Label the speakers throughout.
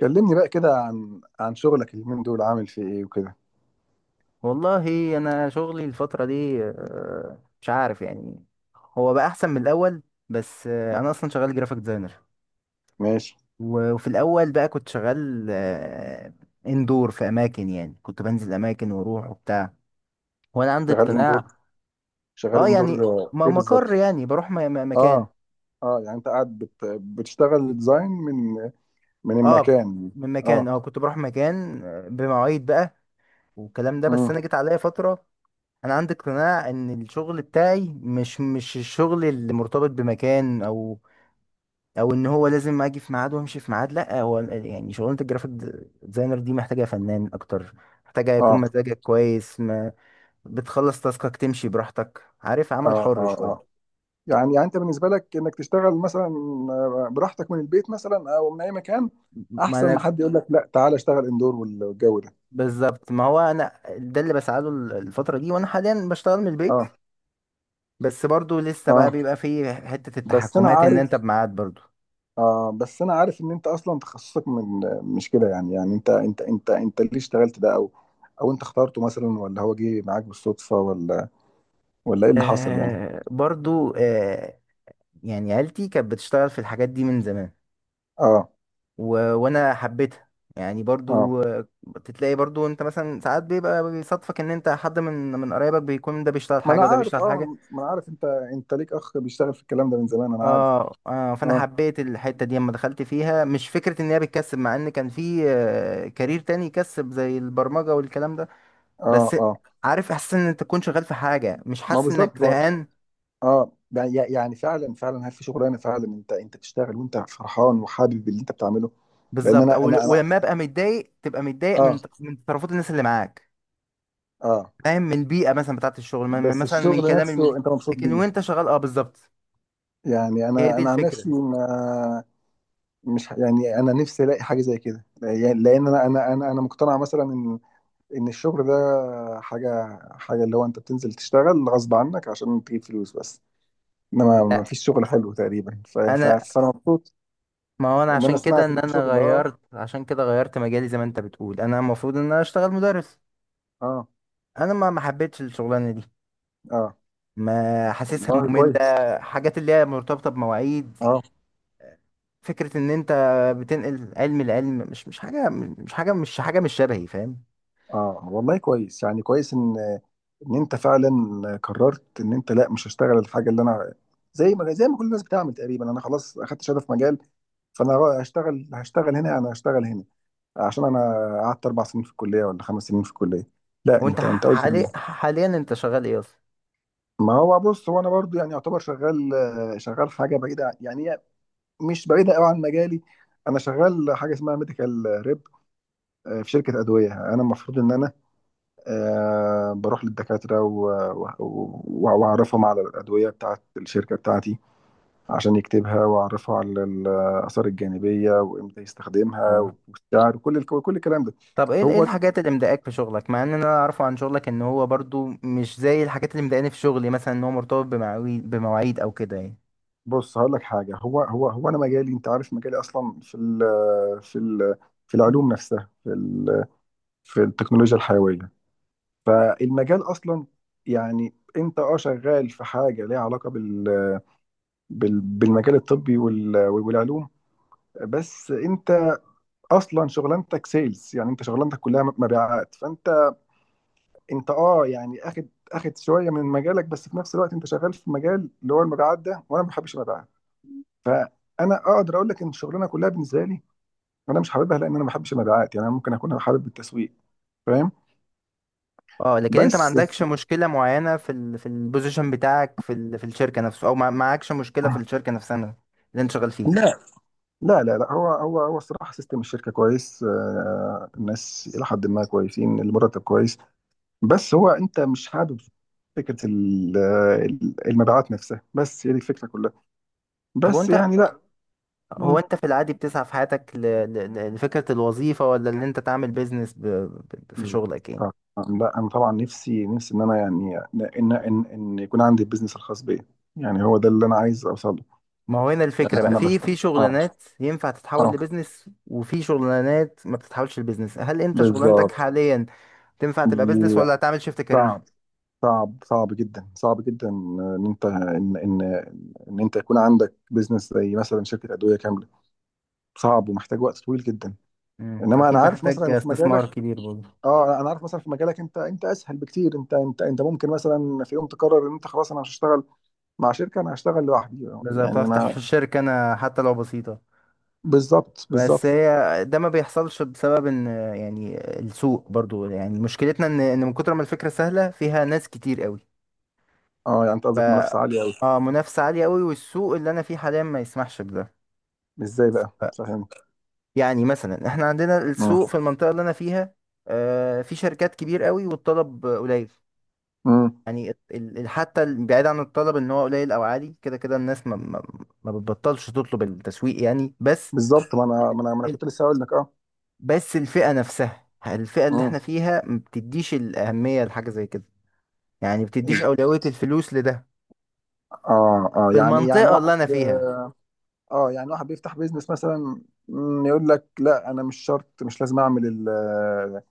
Speaker 1: كلمني بقى كده عن شغلك اليومين دول عامل فيه ايه وكده؟
Speaker 2: والله انا شغلي الفتره دي، مش عارف يعني. هو بقى احسن من الاول، بس انا اصلا شغال جرافيك ديزاينر.
Speaker 1: ماشي.
Speaker 2: و- وفي الاول بقى كنت شغال، اندور في اماكن، يعني كنت بنزل اماكن واروح وبتاع، وانا عندي
Speaker 1: شغال اندور
Speaker 2: اقتناع.
Speaker 1: شغال
Speaker 2: اه
Speaker 1: اندور،
Speaker 2: يعني
Speaker 1: ايه
Speaker 2: مقر،
Speaker 1: بالظبط؟
Speaker 2: يعني بروح مكان.
Speaker 1: اه، اه، يعني انت قاعد بتشتغل ديزاين من
Speaker 2: اه
Speaker 1: المكان.
Speaker 2: من مكان.
Speaker 1: اه.
Speaker 2: اه كنت بروح مكان بمواعيد بقى والكلام ده. بس
Speaker 1: امم.
Speaker 2: انا جيت عليا فتره. انا عندي اقتناع ان الشغل بتاعي مش الشغل اللي مرتبط بمكان، او ان هو لازم اجي في ميعاد وامشي في ميعاد. لا، هو يعني شغلانه الجرافيك ديزاينر دي محتاجه فنان اكتر، محتاجه يكون
Speaker 1: اه،
Speaker 2: مزاجك كويس، ما بتخلص تاسكك تمشي براحتك، عارف؟ عمل
Speaker 1: اه،
Speaker 2: حر
Speaker 1: اه، اه،
Speaker 2: شويه.
Speaker 1: يعني انت بالنسبه لك انك تشتغل مثلا براحتك من البيت مثلا او من اي مكان،
Speaker 2: ما
Speaker 1: احسن
Speaker 2: انا
Speaker 1: ما حد يقول لك لا تعالى اشتغل اندور والجو ده.
Speaker 2: بالظبط، ما هو انا ده اللي بسعى له الفتره دي، وانا حاليا بشتغل من البيت.
Speaker 1: اه،
Speaker 2: بس برضو لسه بقى
Speaker 1: اه،
Speaker 2: بيبقى فيه حته
Speaker 1: بس انا
Speaker 2: التحكمات، ان
Speaker 1: عارف.
Speaker 2: انت بميعاد برضو.
Speaker 1: بس انا عارف ان انت اصلا تخصصك من مش كده، يعني انت ليه اشتغلت ده، او انت اخترته مثلا، ولا هو جه معاك بالصدفة، ولا ايه اللي حصل يعني؟
Speaker 2: برضو، يعني عيلتي كانت بتشتغل في الحاجات دي من زمان،
Speaker 1: اه،
Speaker 2: و... وانا حبيتها. يعني
Speaker 1: اه،
Speaker 2: برضو بتلاقي برضو انت مثلا ساعات بيبقى بيصادفك ان انت حد من قرايبك بيكون، ده بيشتغل حاجه وده بيشتغل حاجه.
Speaker 1: ما انا عارف، انت ليك اخ بيشتغل في الكلام ده من زمان، انا عارف.
Speaker 2: فانا
Speaker 1: اه،
Speaker 2: حبيت الحته دي اما دخلت فيها، مش فكره ان هي بتكسب، مع ان كان في كارير تاني يكسب زي البرمجه والكلام ده.
Speaker 1: اه،
Speaker 2: بس
Speaker 1: اه.
Speaker 2: عارف احساس ان انت تكون شغال في حاجه مش
Speaker 1: ما
Speaker 2: حاسس انك
Speaker 1: بالظبط
Speaker 2: زهقان.
Speaker 1: اه، يعني فعلا فعلا هل في شغلانه فعلا انت تشتغل وانت فرحان وحابب اللي انت بتعمله؟ لان
Speaker 2: بالظبط،
Speaker 1: انا
Speaker 2: او
Speaker 1: انا انا
Speaker 2: ولما ابقى متضايق تبقى متضايق
Speaker 1: اه،
Speaker 2: من تصرفات الناس اللي معاك.
Speaker 1: اه.
Speaker 2: فاهم، من البيئه مثلا بتاعت الشغل،
Speaker 1: بس
Speaker 2: مثلا من
Speaker 1: الشغل
Speaker 2: كلام
Speaker 1: نفسه
Speaker 2: المدير.
Speaker 1: انت مبسوط
Speaker 2: لكن
Speaker 1: بيه؟
Speaker 2: وانت شغال، بالظبط.
Speaker 1: يعني
Speaker 2: هي
Speaker 1: انا
Speaker 2: دي
Speaker 1: انا عن نفسي،
Speaker 2: الفكره.
Speaker 1: ما مش يعني انا نفسي الاقي حاجه زي كده، يعني لان انا مقتنع مثلا ان الشغل ده، حاجه حاجه اللي هو انت بتنزل تشتغل غصب عنك عشان تجيب فلوس بس، انما ما
Speaker 2: لا
Speaker 1: فيش شغل حلو تقريبا،
Speaker 2: انا،
Speaker 1: فانا مبسوط.
Speaker 2: ما هو انا
Speaker 1: ان انا
Speaker 2: عشان كده
Speaker 1: سمعت
Speaker 2: ان
Speaker 1: ان في
Speaker 2: انا
Speaker 1: شغل اه.
Speaker 2: غيرت، عشان كده غيرت مجالي زي ما انت بتقول، انا المفروض ان انا اشتغل مدرس.
Speaker 1: اه،
Speaker 2: انا ما حبيتش الشغلانه دي،
Speaker 1: اه،
Speaker 2: ما حاسسها
Speaker 1: والله
Speaker 2: ممله،
Speaker 1: كويس.
Speaker 2: حاجات اللي هي مرتبطه بمواعيد.
Speaker 1: اه،
Speaker 2: فكره ان انت بتنقل علم، العلم مش حاجه، مش حاجه، مش حاجه، مش شبهي، فاهم؟
Speaker 1: اه، والله كويس، يعني كويس ان ان انت فعلا قررت ان انت لا مش هشتغل الحاجه اللي انا، زي ما كل الناس بتعمل تقريبا، انا خلاص اخدت شهاده في مجال، فانا هشتغل هنا، انا هشتغل هنا عشان انا قعدت 4 سنين في الكليه، ولا 5 سنين في الكليه. لا،
Speaker 2: وانت
Speaker 1: انت قلت
Speaker 2: حاليا انت شغال ايه اصلا؟
Speaker 1: ما هو بص، هو انا برضو يعني يعتبر شغال، شغال حاجه بعيده، يعني هي مش بعيده قوي عن مجالي. انا شغال حاجه اسمها ميديكال ريب، في شركه ادويه، انا المفروض ان انا بروح للدكاترة وأعرفهم على الأدوية بتاعت الشركة بتاعتي، عشان يكتبها، وأعرفه على الآثار الجانبية، وإمتى يستخدمها،
Speaker 2: اه
Speaker 1: والسعر، وكل كل الكلام ده.
Speaker 2: طب ايه
Speaker 1: هو
Speaker 2: الحاجات اللي مضايقاك في شغلك؟ مع ان انا اعرفه عن شغلك ان هو برضو مش زي الحاجات اللي مضايقاني في شغلي، مثلا ان هو مرتبط بمواعيد او كده يعني.
Speaker 1: بص، هقول لك حاجة، هو أنا مجالي، أنت عارف مجالي أصلا في ال، في ال في العلوم نفسها، في التكنولوجيا الحيوية، فالمجال أصلا، يعني أنت شغال في حاجة ليها علاقة بال، بالمجال الطبي، والعلوم. بس انت اصلا شغلانتك سيلز، يعني انت شغلانتك كلها مبيعات، فانت انت يعني اخد شويه من مجالك، بس في نفس الوقت انت شغال في مجال اللي هو المبيعات ده، وانا ما بحبش المبيعات. فانا اقدر اقول لك ان الشغلانه كلها بالنسبه لي، انا مش حاببها، لان انا ما بحبش المبيعات، يعني انا ممكن اكون حابب التسويق، فاهم؟
Speaker 2: اه لكن انت ما
Speaker 1: بس.
Speaker 2: عندكش مشكلة معينة في البوزيشن بتاعك، في الشركة نفسه، او ما معكش مشكلة في الشركة نفسها اللي انت شغال فيه؟
Speaker 1: لا، لا، لا، لا، هو الصراحه سيستم الشركه كويس، الناس الى حد ما كويسين، المرتب كويس، بس هو انت مش حابب فكره المبيعات نفسها، بس هي دي الفكره كلها،
Speaker 2: طب
Speaker 1: بس
Speaker 2: وانت،
Speaker 1: يعني لا.
Speaker 2: هو
Speaker 1: مم.
Speaker 2: انت في العادي بتسعى في حياتك لفكرة الوظيفة، ولا ان انت تعمل بيزنس في شغلك يعني؟
Speaker 1: طبعاً. لا، انا طبعا نفسي نفسي ان انا يعني ان يكون عندي البيزنس الخاص بيا، يعني هو ده اللي انا عايز اوصله.
Speaker 2: ما هو هنا
Speaker 1: يعني
Speaker 2: الفكرة بقى،
Speaker 1: انا
Speaker 2: في
Speaker 1: بشتغل
Speaker 2: في
Speaker 1: اه.
Speaker 2: شغلانات ينفع تتحول
Speaker 1: اه،
Speaker 2: لبزنس، وفي شغلانات ما بتتحولش لبزنس. هل انت شغلانتك
Speaker 1: بالظبط.
Speaker 2: حاليا تنفع تبقى بزنس
Speaker 1: لا.
Speaker 2: ولا هتعمل شيفت كارير؟
Speaker 1: صعب. صعب، صعب جدا، صعب جدا ان انت ان ان ان انت يكون عندك بيزنس زي مثلا شركه ادويه كامله، صعب ومحتاج وقت طويل جدا.
Speaker 2: مم.
Speaker 1: انما انا
Speaker 2: اكيد
Speaker 1: عارف
Speaker 2: محتاج
Speaker 1: مثلا في مجالك.
Speaker 2: استثمار كبير برضه،
Speaker 1: اه، انا عارف مثلا في مجالك انت اسهل بكتير، انت ممكن مثلا في يوم تقرر ان انت خلاص انا مش هشتغل مع شركه، انا هشتغل لوحدي.
Speaker 2: لازم
Speaker 1: يعني
Speaker 2: افتح
Speaker 1: انا
Speaker 2: في
Speaker 1: اه،
Speaker 2: الشركة انا حتى لو بسيطة.
Speaker 1: بالظبط،
Speaker 2: بس
Speaker 1: بالظبط.
Speaker 2: هي ده ما بيحصلش بسبب ان، يعني السوق برضه، يعني مشكلتنا ان من كتر ما الفكرة سهلة فيها ناس كتير قوي.
Speaker 1: اه، يعني انت
Speaker 2: ف
Speaker 1: قصدك منافسه عاليه قوي؟
Speaker 2: اه منافسة عالية قوي، والسوق اللي انا فيه حاليا ما يسمحش بده.
Speaker 1: ازاي بقى؟ فهمت.
Speaker 2: يعني مثلا احنا عندنا
Speaker 1: مم.
Speaker 2: السوق في المنطقة اللي انا فيها، في شركات كبير قوي والطلب قليل.
Speaker 1: مم.
Speaker 2: يعني حتى بعيد عن الطلب ان هو قليل او عالي، كده كده الناس ما بتبطلش تطلب التسويق يعني.
Speaker 1: بالظبط، ما انا
Speaker 2: ال-
Speaker 1: كنت لسه هقول لك اه.
Speaker 2: بس الفئة نفسها، الفئة اللي
Speaker 1: مم.
Speaker 2: احنا فيها ما بتديش الأهمية لحاجة زي كده. يعني بتديش أولوية الفلوس لده،
Speaker 1: اه، اه،
Speaker 2: في
Speaker 1: يعني
Speaker 2: المنطقة
Speaker 1: واحد.
Speaker 2: اللي انا فيها.
Speaker 1: اه، يعني واحد بيفتح بيزنس مثلا، يقول لك لا، انا مش شرط، مش لازم اعمل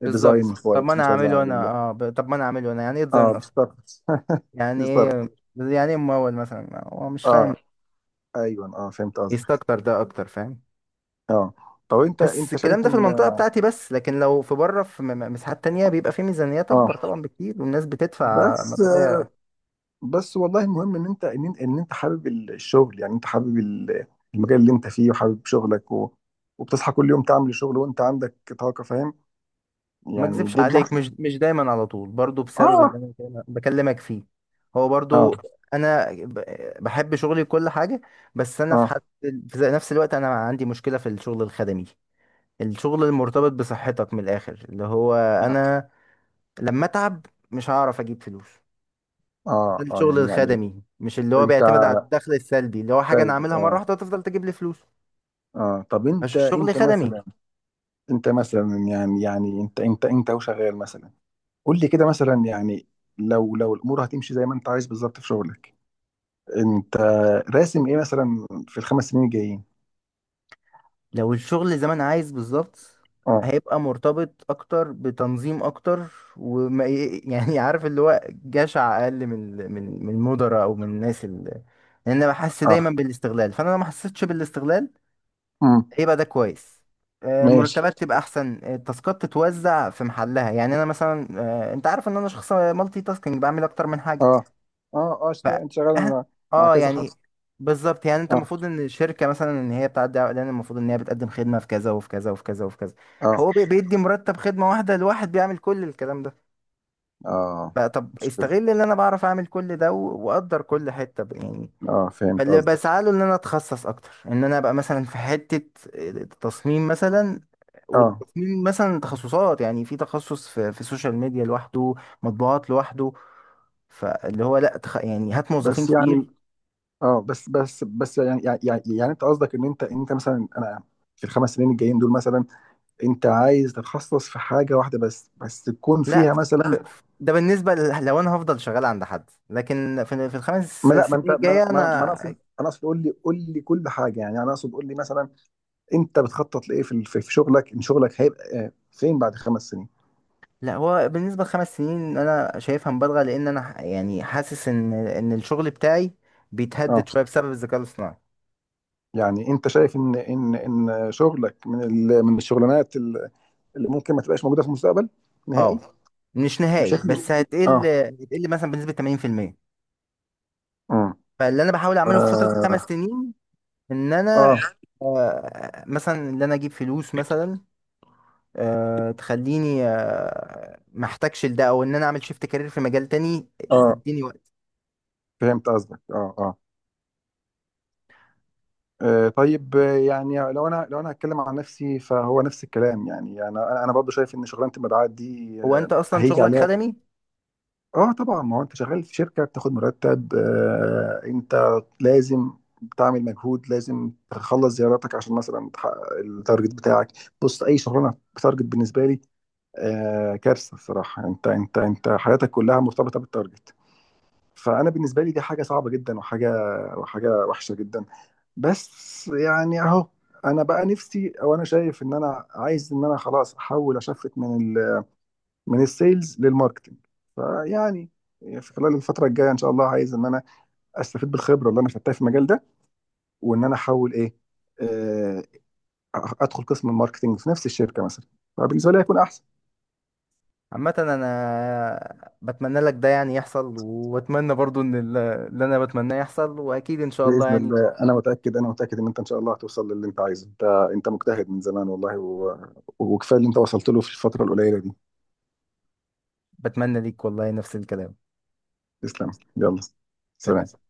Speaker 2: بالظبط.
Speaker 1: الديزاين
Speaker 2: طب ما
Speaker 1: كويس،
Speaker 2: انا
Speaker 1: مش لازم
Speaker 2: هعمله
Speaker 1: اعمل
Speaker 2: انا، يعني ايه
Speaker 1: اه،
Speaker 2: ديزاين اصلا؟
Speaker 1: بالظبط،
Speaker 2: يعني ايه
Speaker 1: بالظبط.
Speaker 2: يعني ايه ممول مثلا هو مش
Speaker 1: اه.
Speaker 2: فاهم.
Speaker 1: ايوه، اه، فهمت
Speaker 2: ايست
Speaker 1: قصدك.
Speaker 2: اكتر، ده اكتر فاهم.
Speaker 1: اه، طب انت
Speaker 2: بس
Speaker 1: انت
Speaker 2: الكلام
Speaker 1: شايف
Speaker 2: ده في
Speaker 1: ان،
Speaker 2: المنطقة بتاعتي بس، لكن لو في بره في مساحات تانية بيبقى في ميزانيات
Speaker 1: اه
Speaker 2: اكبر طبعا بكتير، والناس بتدفع
Speaker 1: بس.
Speaker 2: مبالغ.
Speaker 1: بس والله المهم ان انت حابب الشغل، يعني انت حابب المجال اللي انت فيه، وحابب شغلك، وبتصحى كل يوم تعمل الشغل وانت عندك طاقة، فاهم؟
Speaker 2: ما
Speaker 1: يعني
Speaker 2: اكذبش
Speaker 1: دي،
Speaker 2: عليك، مش دايما على طول، برضو بسبب اللي
Speaker 1: اه،
Speaker 2: انا بكلمك فيه. هو
Speaker 1: اه،
Speaker 2: برضو انا بحب شغلي كل حاجة. بس انا في
Speaker 1: اه،
Speaker 2: حد، في نفس الوقت انا عندي مشكلة في الشغل الخدمي. الشغل المرتبط بصحتك، من الاخر، اللي هو انا لما اتعب مش هعرف اجيب فلوس. ده
Speaker 1: اه، اه،
Speaker 2: الشغل
Speaker 1: يعني
Speaker 2: الخدمي، مش اللي هو
Speaker 1: انت.
Speaker 2: بيعتمد على الدخل السلبي اللي هو حاجة أنا
Speaker 1: طيب.
Speaker 2: أعملها مرة
Speaker 1: اه.
Speaker 2: واحدة تفضل تجيب لي فلوس.
Speaker 1: اه، طب
Speaker 2: مش
Speaker 1: انت
Speaker 2: شغل
Speaker 1: انت
Speaker 2: خدمي.
Speaker 1: مثلا، انت مثلا يعني انت وشغال مثلا، قول لي كده مثلا يعني، لو الامور هتمشي زي ما انت عايز بالظبط في شغلك، انت راسم ايه مثلا في الخمس سنين الجايين؟
Speaker 2: لو الشغل زي ما أنا عايز بالظبط،
Speaker 1: اه،
Speaker 2: هيبقى مرتبط أكتر بتنظيم أكتر، وما يعني عارف اللي هو جشع أقل من المدراء، أو من الناس اللي. لأن أنا بحس دايما بالاستغلال، فأنا لو ما حسيتش بالاستغلال
Speaker 1: اه،
Speaker 2: هيبقى ده كويس.
Speaker 1: ماشي.
Speaker 2: مرتبات تبقى احسن، التاسكات تتوزع في محلها، يعني انا مثلا، انت عارف ان انا شخص مالتي تاسكينج، بعمل اكتر من حاجه.
Speaker 1: اه اه، اه،
Speaker 2: ف
Speaker 1: انت شغال
Speaker 2: اه
Speaker 1: مع
Speaker 2: اه
Speaker 1: كذا حد.
Speaker 2: يعني بالظبط، يعني انت
Speaker 1: اه،
Speaker 2: المفروض ان الشركه مثلا ان هي بتعدي على اعلان، المفروض ان هي بتقدم خدمه في كذا وفي كذا وفي كذا وفي كذا.
Speaker 1: اه،
Speaker 2: هو بيدي مرتب خدمه واحده لواحد بيعمل كل الكلام ده.
Speaker 1: اه،
Speaker 2: طب
Speaker 1: مشكلة.
Speaker 2: استغل ان انا بعرف اعمل كل ده، و- واقدر كل حته يعني.
Speaker 1: اه، فهمت
Speaker 2: فاللي
Speaker 1: قصدك.
Speaker 2: بسعى له ان انا اتخصص اكتر، ان انا ابقى مثلا في حته التصميم مثلا،
Speaker 1: اه،
Speaker 2: والتصميم مثلا تخصصات، يعني في تخصص في السوشيال ميديا لوحده، مطبوعات لوحده. فاللي هو لا، يعني هات موظفين
Speaker 1: بس يعني
Speaker 2: كتير.
Speaker 1: اه، بس يعني انت قصدك ان انت مثلا انا، في الخمس سنين الجايين دول مثلا، انت عايز تتخصص في حاجة واحدة بس تكون
Speaker 2: لا،
Speaker 1: فيها مثلا.
Speaker 2: ده بالنسبة لو أنا هفضل شغال عند حد، لكن في
Speaker 1: ما
Speaker 2: الخمس
Speaker 1: لا، ما انت
Speaker 2: سنين الجاية
Speaker 1: ما ما ما انا
Speaker 2: أنا.
Speaker 1: اقصد، انا اقصد، قول لي كل حاجة، يعني انا اقصد قول لي مثلا، انت بتخطط لايه في في شغلك؟ ان شغلك هيبقى فين بعد 5 سنين؟
Speaker 2: لا، هو بالنسبة ل5 سنين أنا شايفها مبالغة، لأن أنا يعني حاسس إن الشغل بتاعي
Speaker 1: اه،
Speaker 2: بيتهدد شوية بسبب الذكاء الاصطناعي.
Speaker 1: يعني انت شايف ان شغلك من من الشغلانات اللي ممكن ما تبقاش موجوده في المستقبل نهائي؟
Speaker 2: أه مش نهائي،
Speaker 1: بشكل،
Speaker 2: بس هتقل
Speaker 1: اه،
Speaker 2: هتقل مثلا بنسبة 80%.
Speaker 1: امم،
Speaker 2: فاللي أنا بحاول أعمله في فترة
Speaker 1: اه،
Speaker 2: ال5 سنين، إن أنا
Speaker 1: اه،
Speaker 2: مثلا إن أنا أجيب فلوس مثلا، تخليني ما احتاجش لده، او ان انا اعمل شيفت كارير في مجال تاني
Speaker 1: اه،
Speaker 2: يديني وقت.
Speaker 1: فهمت قصدك، اه، اه. طيب، يعني لو انا هتكلم عن نفسي، فهو نفس الكلام، يعني انا برضه شايف ان شغلانه المبيعات دي
Speaker 2: هو انت اصلا
Speaker 1: هيجي
Speaker 2: شغلك
Speaker 1: عليها.
Speaker 2: خدمي.
Speaker 1: اه، طبعا، ما هو انت شغال في شركه، بتاخد مرتب، انت لازم تعمل مجهود، لازم تخلص زياراتك عشان مثلا تحقق التارجت بتاعك. بص، اي شغلانه بتارجت بالنسبه لي كارثه الصراحه. انت حياتك كلها مرتبطه بالتارجت، فانا بالنسبه لي دي حاجه صعبه جدا، وحاجه وحشه جدا، بس يعني اهو. انا بقى نفسي، او انا شايف ان انا عايز ان انا خلاص احول اشفت من السيلز للماركتنج، فيعني في خلال الفترة الجاية إن شاء الله، عايز إن أنا أستفيد بالخبرة اللي أنا خدتها في المجال ده، وإن أنا أحاول إيه، آه، أدخل قسم الماركتنج في نفس الشركة مثلا، فبالنسبة لي هيكون أحسن.
Speaker 2: عامة انا بتمنى لك ده يعني يحصل، واتمنى برضو ان اللي انا بتمناه يحصل، واكيد ان شاء الله
Speaker 1: بإذن
Speaker 2: يعني.
Speaker 1: الله، أنا متأكد إن أنت إن شاء الله هتوصل للي أنت عايزه، أنت أنت مجتهد من زمان والله، وكفاية اللي أنت وصلت له في الفترة القليلة دي.
Speaker 2: بتمنى ليك والله نفس الكلام.
Speaker 1: تسلم. يلا. سلام.
Speaker 2: سلام.